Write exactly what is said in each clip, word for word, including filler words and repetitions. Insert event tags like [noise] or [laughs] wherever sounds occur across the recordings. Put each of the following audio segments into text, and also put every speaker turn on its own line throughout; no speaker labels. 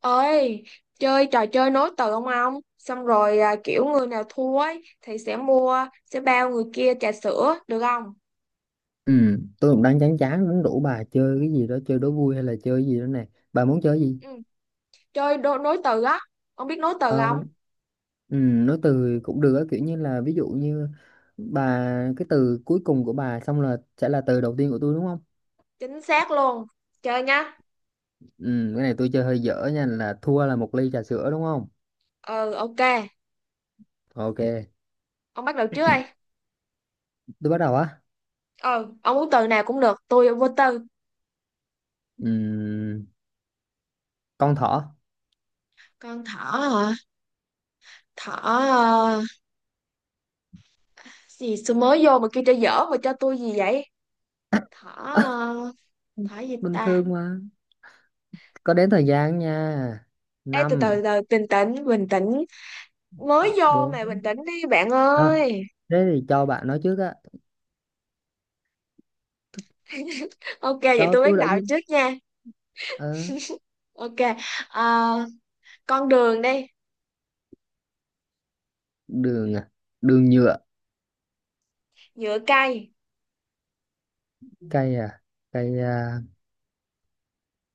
Ơi, chơi trò chơi nối từ không ông? Xong rồi à, kiểu người nào thua ấy thì sẽ mua sẽ bao người kia trà sữa được không?
Ừ, tôi cũng đang chán chán muốn rủ bà chơi cái gì đó, chơi đố vui hay là chơi cái gì đó nè. Bà muốn chơi gì?
Ừ. Chơi đố, nối từ á. Ông biết nối từ không?
ờ ừ, nói từ cũng được á, kiểu như là ví dụ như bà, cái từ cuối cùng của bà xong là sẽ là từ đầu tiên của tôi, đúng không?
Chính xác luôn, chơi nhá.
Ừ, cái này tôi chơi hơi dở nha, là thua là một ly trà sữa đúng không?
Ừ, ok.
Ok,
Ông bắt đầu trước đây.
tôi bắt đầu á.
Ừ, ông muốn từ nào cũng được, tôi vô tư.
Ừ, con thỏ.
Con thỏ hả? Thỏ ờ, gì, sao mới vô mà kêu chơi dở mà cho tôi gì vậy? Thỏ
[laughs]
ờ, thỏ gì
Bình
ta?
thường mà. Có đến thời gian nha.
Ê, từ
Năm,
từ từ bình tĩnh bình tĩnh. Mới vô
bốn,
mà bình tĩnh đi bạn
thôi
ơi.
thế thì cho bạn nói trước á.
[laughs] Ok vậy
Cho
tôi bắt
tôi đã
đầu
nhìn.
trước nha.
Ờ.
Ok, ờ, con đường đi.
Đường à? Đường nhựa.
Nhựa cây.
Cây à, cây à,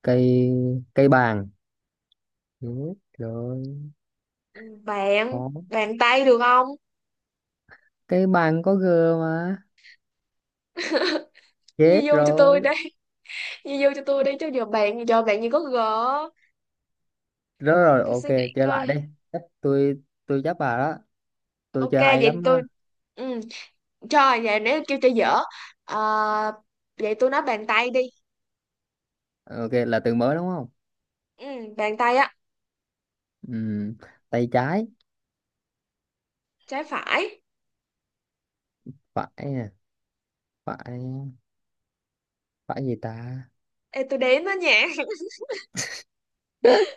cây, cây bàn. Đúng rồi.
Ừ, bạn,
Có
bàn tay được không?
cây bàn có g mà.
[laughs]
Chết
Di vô cho tôi
rồi.
đi. [laughs] Di vô cho tôi đi, chứ giờ bạn giờ bạn như có gỡ.
Rồi
Để
rồi,
tôi
ok.
suy nghĩ
Chơi
coi.
lại đi. Chắc tôi tôi chắc bà đó. Tôi
Ok
chơi hay
vậy
lắm á.
tôi, ừ, trời, vậy nếu kêu cho dở. Ờ, vậy tôi nói bàn tay đi.
Ok, là từ mới đúng không?
Ừ, bàn tay á.
Ừm, tay trái.
Trái phải.
Phải à, phải, phải gì ta?
Ê, tôi đếm đó nha. [laughs]
[laughs]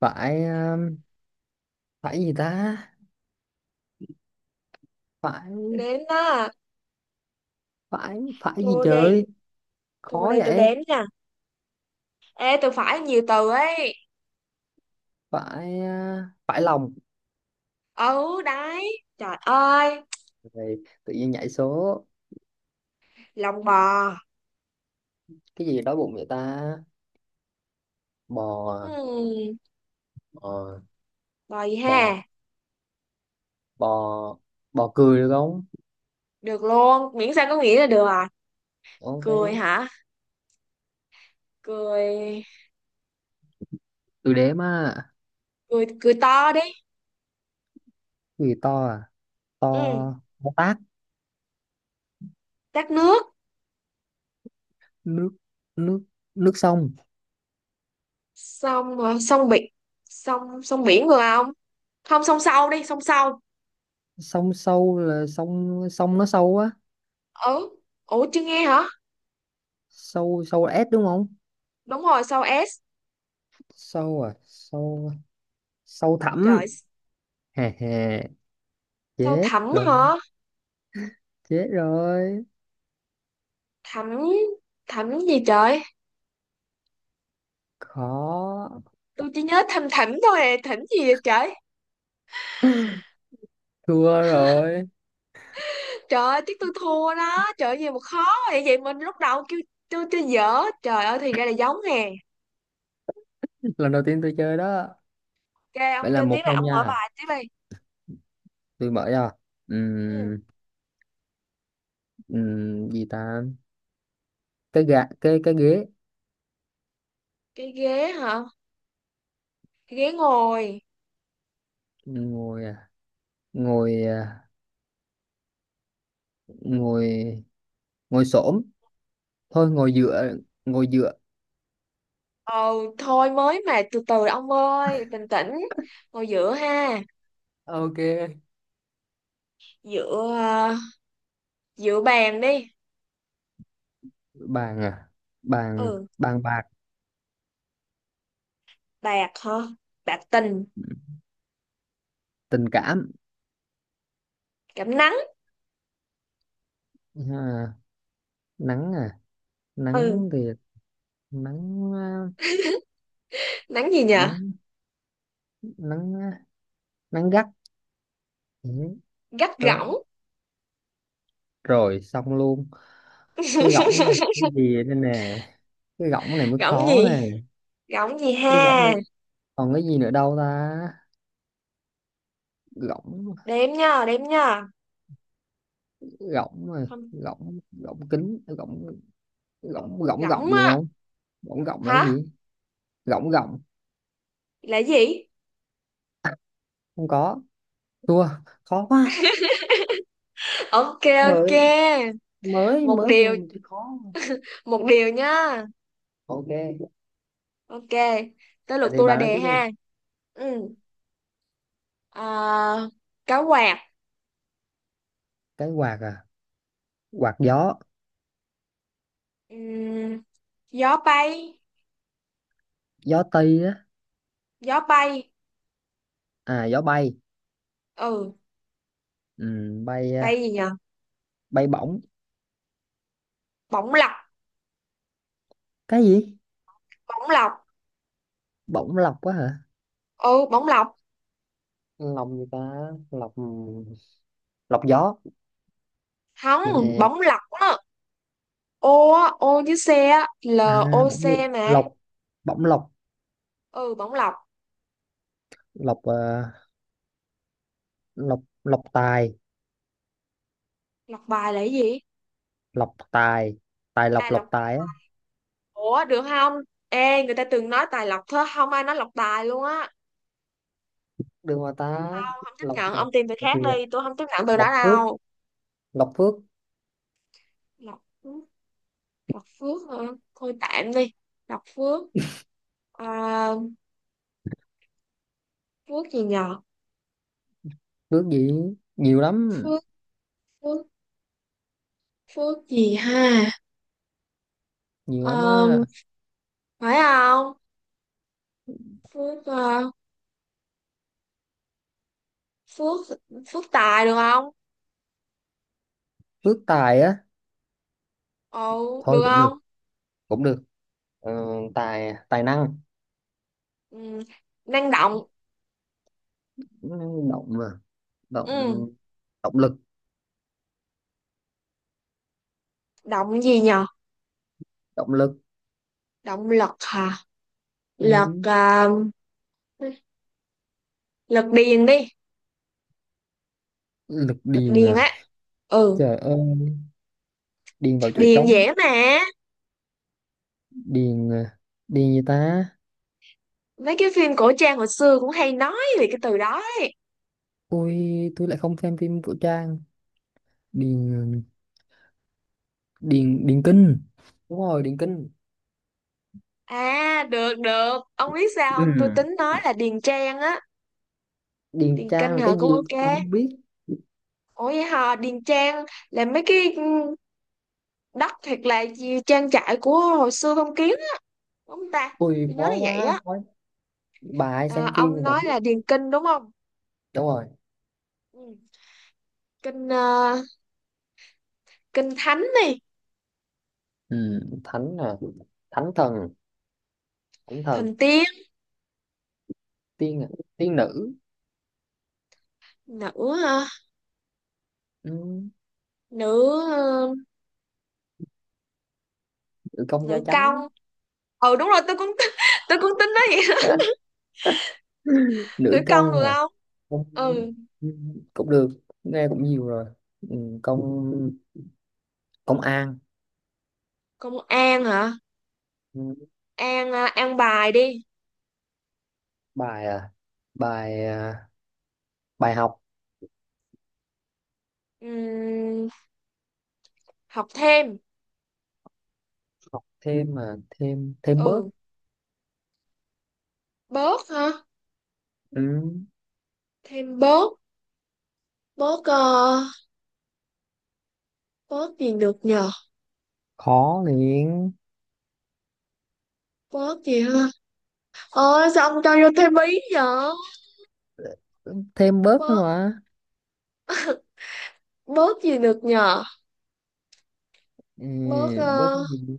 Phải um, phải gì ta? Phải,
Tôi đếm đó.
phải, phải gì
Cô đi.
trời?
Thôi
Khó
đây tôi
vậy.
đếm nha. Ê, tôi phải nhiều từ ấy.
Phải uh, phải lòng.
Ừ, đấy. Trời ơi,
Rồi, tự nhiên nhảy số
lòng bò.
cái gì đói bụng vậy ta? Bò à?
Hmm,
Ờ,
bò gì
bò,
ha?
bò, bò cười được không?
Được luôn, miễn sao có nghĩa là được à.
Ok,
Cười hả? Cười,
từ đếm á.
cười, cười to đi.
Cái gì to à? To,
Ừ,
to tát.
tát nước.
Nước, nước, nước sông.
Sông ờ, sông biển. Sông, sông biển vừa không? Không, sông sâu đi, sông sâu.
Sông sâu là sông sông nó sâu á.
Ừ, ủa chưa nghe hả?
Sâu, sâu là S đúng không?
Đúng rồi, sâu ét.
Sâu à, sâu, sâu thẳm.
Trời,
Hè hè,
sâu
chết
thẳm
rồi,
hả?
chết rồi.
Thẳm, thẳm gì trời?
Khó.
Tôi chỉ nhớ thầm thẳm thôi à, thẳm gì vậy trời?
Thua rồi.
Trời ơi, tiếc tôi thua đó. Trời ơi, gì mà khó vậy? Vậy mình lúc đầu kêu tôi tôi dở. Trời ơi, thì ra là giống nè.
Lần đầu tiên tôi chơi đó.
Ok,
Vậy
ông
là
chơi tiếp
một
này,
không
ông mở
nha.
bài tiếp đi.
Tôi mở ra.
Ừ.
Ừm, ừm, gì ta? Cái gạ, cái cái ghế.
Cái ghế hả? Cái ghế ngồi.
Ngồi à, ngồi à, ngồi, ngồi xổm, thôi ngồi dựa, ngồi dựa.
Ồ, thôi mới mà từ từ ông ơi, bình tĩnh. Ngồi giữa ha.
Ok.
Giữa ờ, giữa bàn đi.
Bàn à, bàn
Ừ,
bàn bạc.
bạc hả? Bạc tình,
Tình cảm.
cảm nắng.
À, nắng à,
Ừ,
nắng thì, nắng à,
nắng gì nhờ?
nắng, nắng à, nắng gắt. Ừ,
Gắt
đó.
gỏng.
Rồi xong luôn. Cái gỗng này cái gì đây nè? Cái gỗng này mới
Gỏng
khó
gì?
nè.
Gỏng gì
Cái gỗng
ha?
này, còn cái gì nữa đâu ta? Gọng,
Đếm nha, đếm nha.
gọng mà.
Không,
Gọng, gọng kính, gọng, gọng, gọng,
gỏng
gọng được
á.
không? Gọng, gọng là cái
Hả?
gì? Gọng, gọng
Là gì?
không có. Thua. Khó quá.
Ok, ok.
Mới mới
Một
mới vô
điều,
mình thấy khó.
một điều nhá.
Ok,
Ok, tới
vậy
lượt
thì
tôi ra
bà nói
đề
trước đi.
ha. Ừ, à, cá quạt.
Cái quạt à? Quạt gió.
Ừm, gió bay.
Gió tây á.
Gió bay.
À, gió bay.
Ừ,
Ừ, bay
bay
à,
gì nhờ?
bay bổng.
Bóng lọc.
Cái gì?
Bóng lọc.
Bổng lọc quá hả?
Ừ, bóng lọc.
Lọc gì ta, lọc, lọc gió.
Không,
Ừ.
bóng lọc á. Ô á, ô với xe á. l
À
o
bổng
c mà.
lọc, bổng lọc.
Ừ, bóng lọc.
Lọc à, lọc, lọc tài.
Lọc bài là cái gì?
Lọc tài, tài
À,
lọc, lọc
lọc.
tài á.
Ủa được không? Ê, người ta từng nói tài lọc thôi, không ai nói lọc tài luôn á.
Được mà ta.
Không chấp
Lọc
nhận,
mà.
ông tìm việc
Thì
khác đi, tôi không chấp nhận từ đó
lọc phước,
đâu.
lọc phước.
Lộc Phước. Lộc Phước hả? Thôi tạm đi. Lộc Phước, à, Phước gì nhờ?
Phước gì, nhiều lắm,
Phước, Phước, Phước gì ha?
nhiều lắm
À,
á.
phải không? Phước à, Phước. Phước Tài được không?
Phước tài á.
Ồ
Thôi
được
cũng được,
không?
cũng được. Ờ, tài, tài năng.
Ừ. Năng động.
Ừ, động mà, động,
Ừ.
động lực,
Động gì nhờ?
động lực.
Động lực hả?
Ừ,
Lực à, lực điền đi.
lực
Lực
điền
điền
à.
á. Ừ,
Trời ơi, điền vào chỗ
điền
trống.
dễ mà.
Điền à. Điền gì ta?
Mấy cái phim cổ trang hồi xưa cũng hay nói về cái từ đó ấy.
Ui, tôi lại không xem phim của Trang. Điền, điền điền kinh. Đúng rồi, điền kinh.
À, được được, ông biết sao không, tôi
Ừ.
tính nói là Điền Trang á.
Điền
Điền
Trang
Kinh
là cái
hả,
gì,
cũng
tôi
ok.
không biết.
Ủa vậy hả, Điền Trang là mấy cái, ừ, đất thiệt là gì, trang trại của hồi xưa phong kiến á, đúng không ta?
Ui
Tôi nhớ
khó
là vậy
quá,
á.
khó. Bà hay
À,
xem phim thì
ông
bà
nói
biết.
là Điền Kinh đúng không?
Đúng rồi.
Ừ. Kinh ờ, Kinh Thánh đi.
Ừ, thánh à, thánh thần, thánh thần.
Thần tiên.
Tiên à? Tiên nữ.
Nữ ờ,
Ừ,
nữ ờ,
nữ công gia
nữ công.
chánh.
Ừ đúng rồi tôi cũng [laughs] tôi cũng tính nói vậy.
[laughs]
[laughs] Nữ
Nữ
công
công
được
à?
không?
Công.
Ừ.
Ừ, cũng được, nghe cũng nhiều rồi. Ừ, công, công an.
Công an hả?
Ừ,
An à, an bài đi.
bài à, bài à, bài học.
Ừm, học thêm.
Học thêm mà, thêm, thêm bớt.
Ừ, bớt hả?
Ừ,
Thêm bớt. Bớt ờ, bớt gì được nhờ?
khó liền.
Bớt gì hả? Ờ sao ông cho vô thêm ý nhở?
Thêm bớt
Bớt,
nữa mà.
bớt gì được nhờ?
Ừ,
Bớt
bớt
ờ,
gì?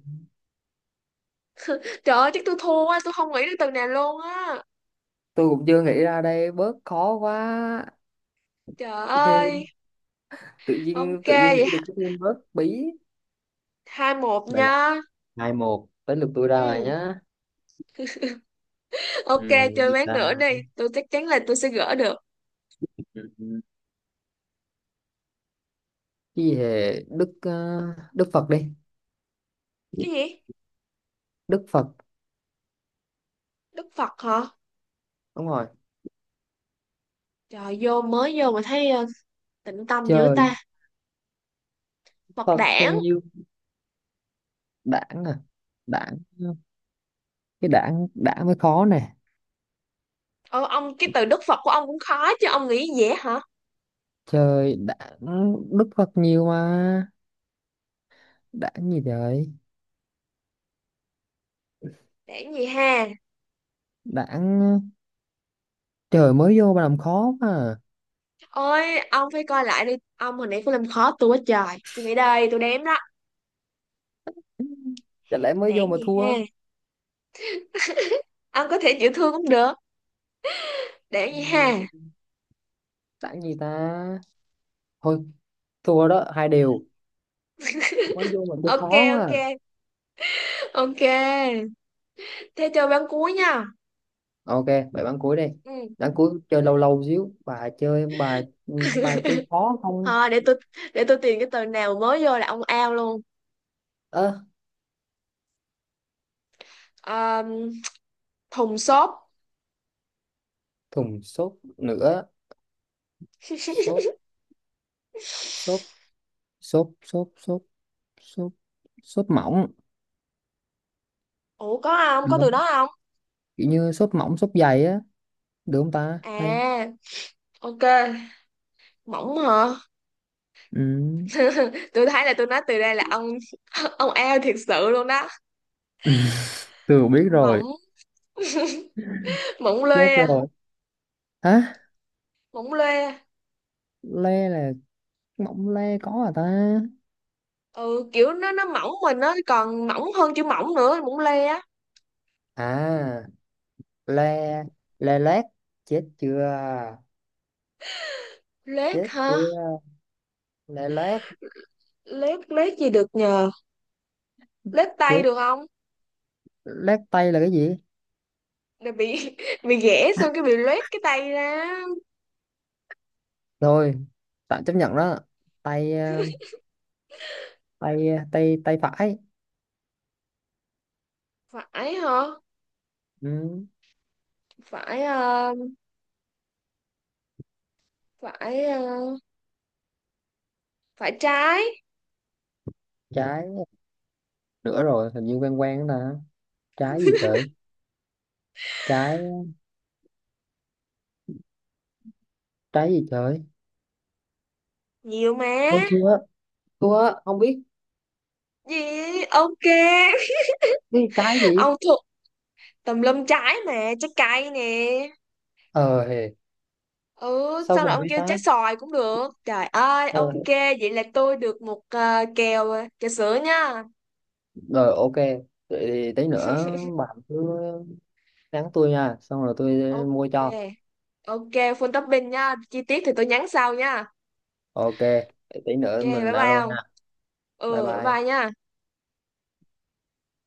trời ơi chắc tôi thua quá, tôi không nghĩ được từ này luôn á.
Tôi cũng chưa nghĩ ra đây, bớt khó quá.
Trời
Hê,
ơi.
tự nhiên
Ok
tự nhiên
vậy,
nghĩ được cái tên bớt bí.
hai một
Vậy là,
nha.
hai một tới lượt tôi ra rồi
Ừ,
nhá. Ừ,
ok. Chơi
gì
ván
ta?
nữa đi, tôi chắc chắn là tôi sẽ gỡ được.
Ừ, cái gì hề Đức ờ, Đức Phật đi.
Cái gì,
Đức Phật.
đức phật hả?
Đúng rồi.
Trời, vô mới vô mà thấy, ờ, tịnh tâm dữ
Trời.
ta. Phật
Phật bao
đản.
nhiêu, đảng à, đảng, cái đảng, đảng mới khó nè.
Ôi ông, cái từ Đức Phật của ông cũng khó chứ ông nghĩ dễ hả?
Trời, đảng. Đức Phật nhiều mà. Đảng gì trời?
Đản gì ha?
Đảng. Trời mới vô mà làm khó mà.
Ôi ông phải coi lại đi ông, hồi nãy cũng làm khó tôi quá trời. Suy nghĩ đây, tôi đếm đó.
Chả lẽ mới vô
Đản
mà
gì
thua.
ha? Ông có thể chịu thương cũng được. Đản
Ừ,
gì ha?
Đảng gì ta? Thôi, thua đó, hai đều. Mới vô mình chơi
Ok,
khó quá.
ok,
À.
ok. Thế chơi bán cuối nha.
Ok, bài bán cuối đi.
Ừ
Bán cuối chơi lâu lâu xíu. Bà chơi, bà bà chơi khó không?
thôi, để tôi để tôi tìm cái từ nào mới vô là ông ao luôn.
Ơ,
Ờ, thùng xốp.
thùng sốt nữa.
[laughs]
Sốt, sốt, sốt, sốt, sốt, sốt, sốt mỏng.
Ủa có không,
Được
có từ
không?
đó không?
Kiểu như sốt mỏng, sốt dày á. Được không ta? Hay.
À ok, mỏng hả?
Ừ.
[laughs] Tôi thấy là tôi nói từ đây là ông [laughs] ông eo thiệt sự luôn đó.
Ừ. [laughs] Từ biết rồi.
Mỏng, mỏng
Biết
lê à,
rồi. Hả?
mỏng lê à.
Le là, mỏng le có à ta?
Ừ, kiểu nó nó mỏng mình, nó còn mỏng hơn chữ mỏng nữa, mỏng lê á.
À. Lê, lê lét. Chết chưa,
Lết
chết
hả?
chưa. Lê lét.
Lết lết gì được nhờ? Lết tay
Chết.
được không?
Lét tay là cái gì?
Là bị [laughs] bị ghẻ xong cái bị loét cái tay ra.
Rồi, tạm chấp nhận đó. Tay ờ, tay ờ, tay, tay phải.
Phải hả?
Ừ.
Phải ờ, phải ờ, phải trái.
Trái, nữa rồi hình như quen quen đó nè. Trái gì trời? Trái, trái gì trời?
Nhiều mà.
Thôi thua, thua không biết.
Gì, ok.
Cái trái
[laughs]
gì?
Ông thuộc tùm lum trái mà, trái cây nè.
Ờ hề.
Ừ,
Sao
sau rồi
mình
ông
biết
kêu trái
ta?
xoài cũng được. Trời ơi,
Ờ,
ok, vậy là tôi được một ờ, kèo trà sữa nha.
rồi ok, vậy thì tí nữa bạn cứ nhắn tôi nha, xong rồi tôi
Ok,
mua cho.
ok, full topping nha. Chi tiết thì tôi nhắn sau nha.
Ok, tí
Ok,
nữa mình
bye bye
alo nha.
ông.
Bye
Ừ, bye
bye.
bye nha.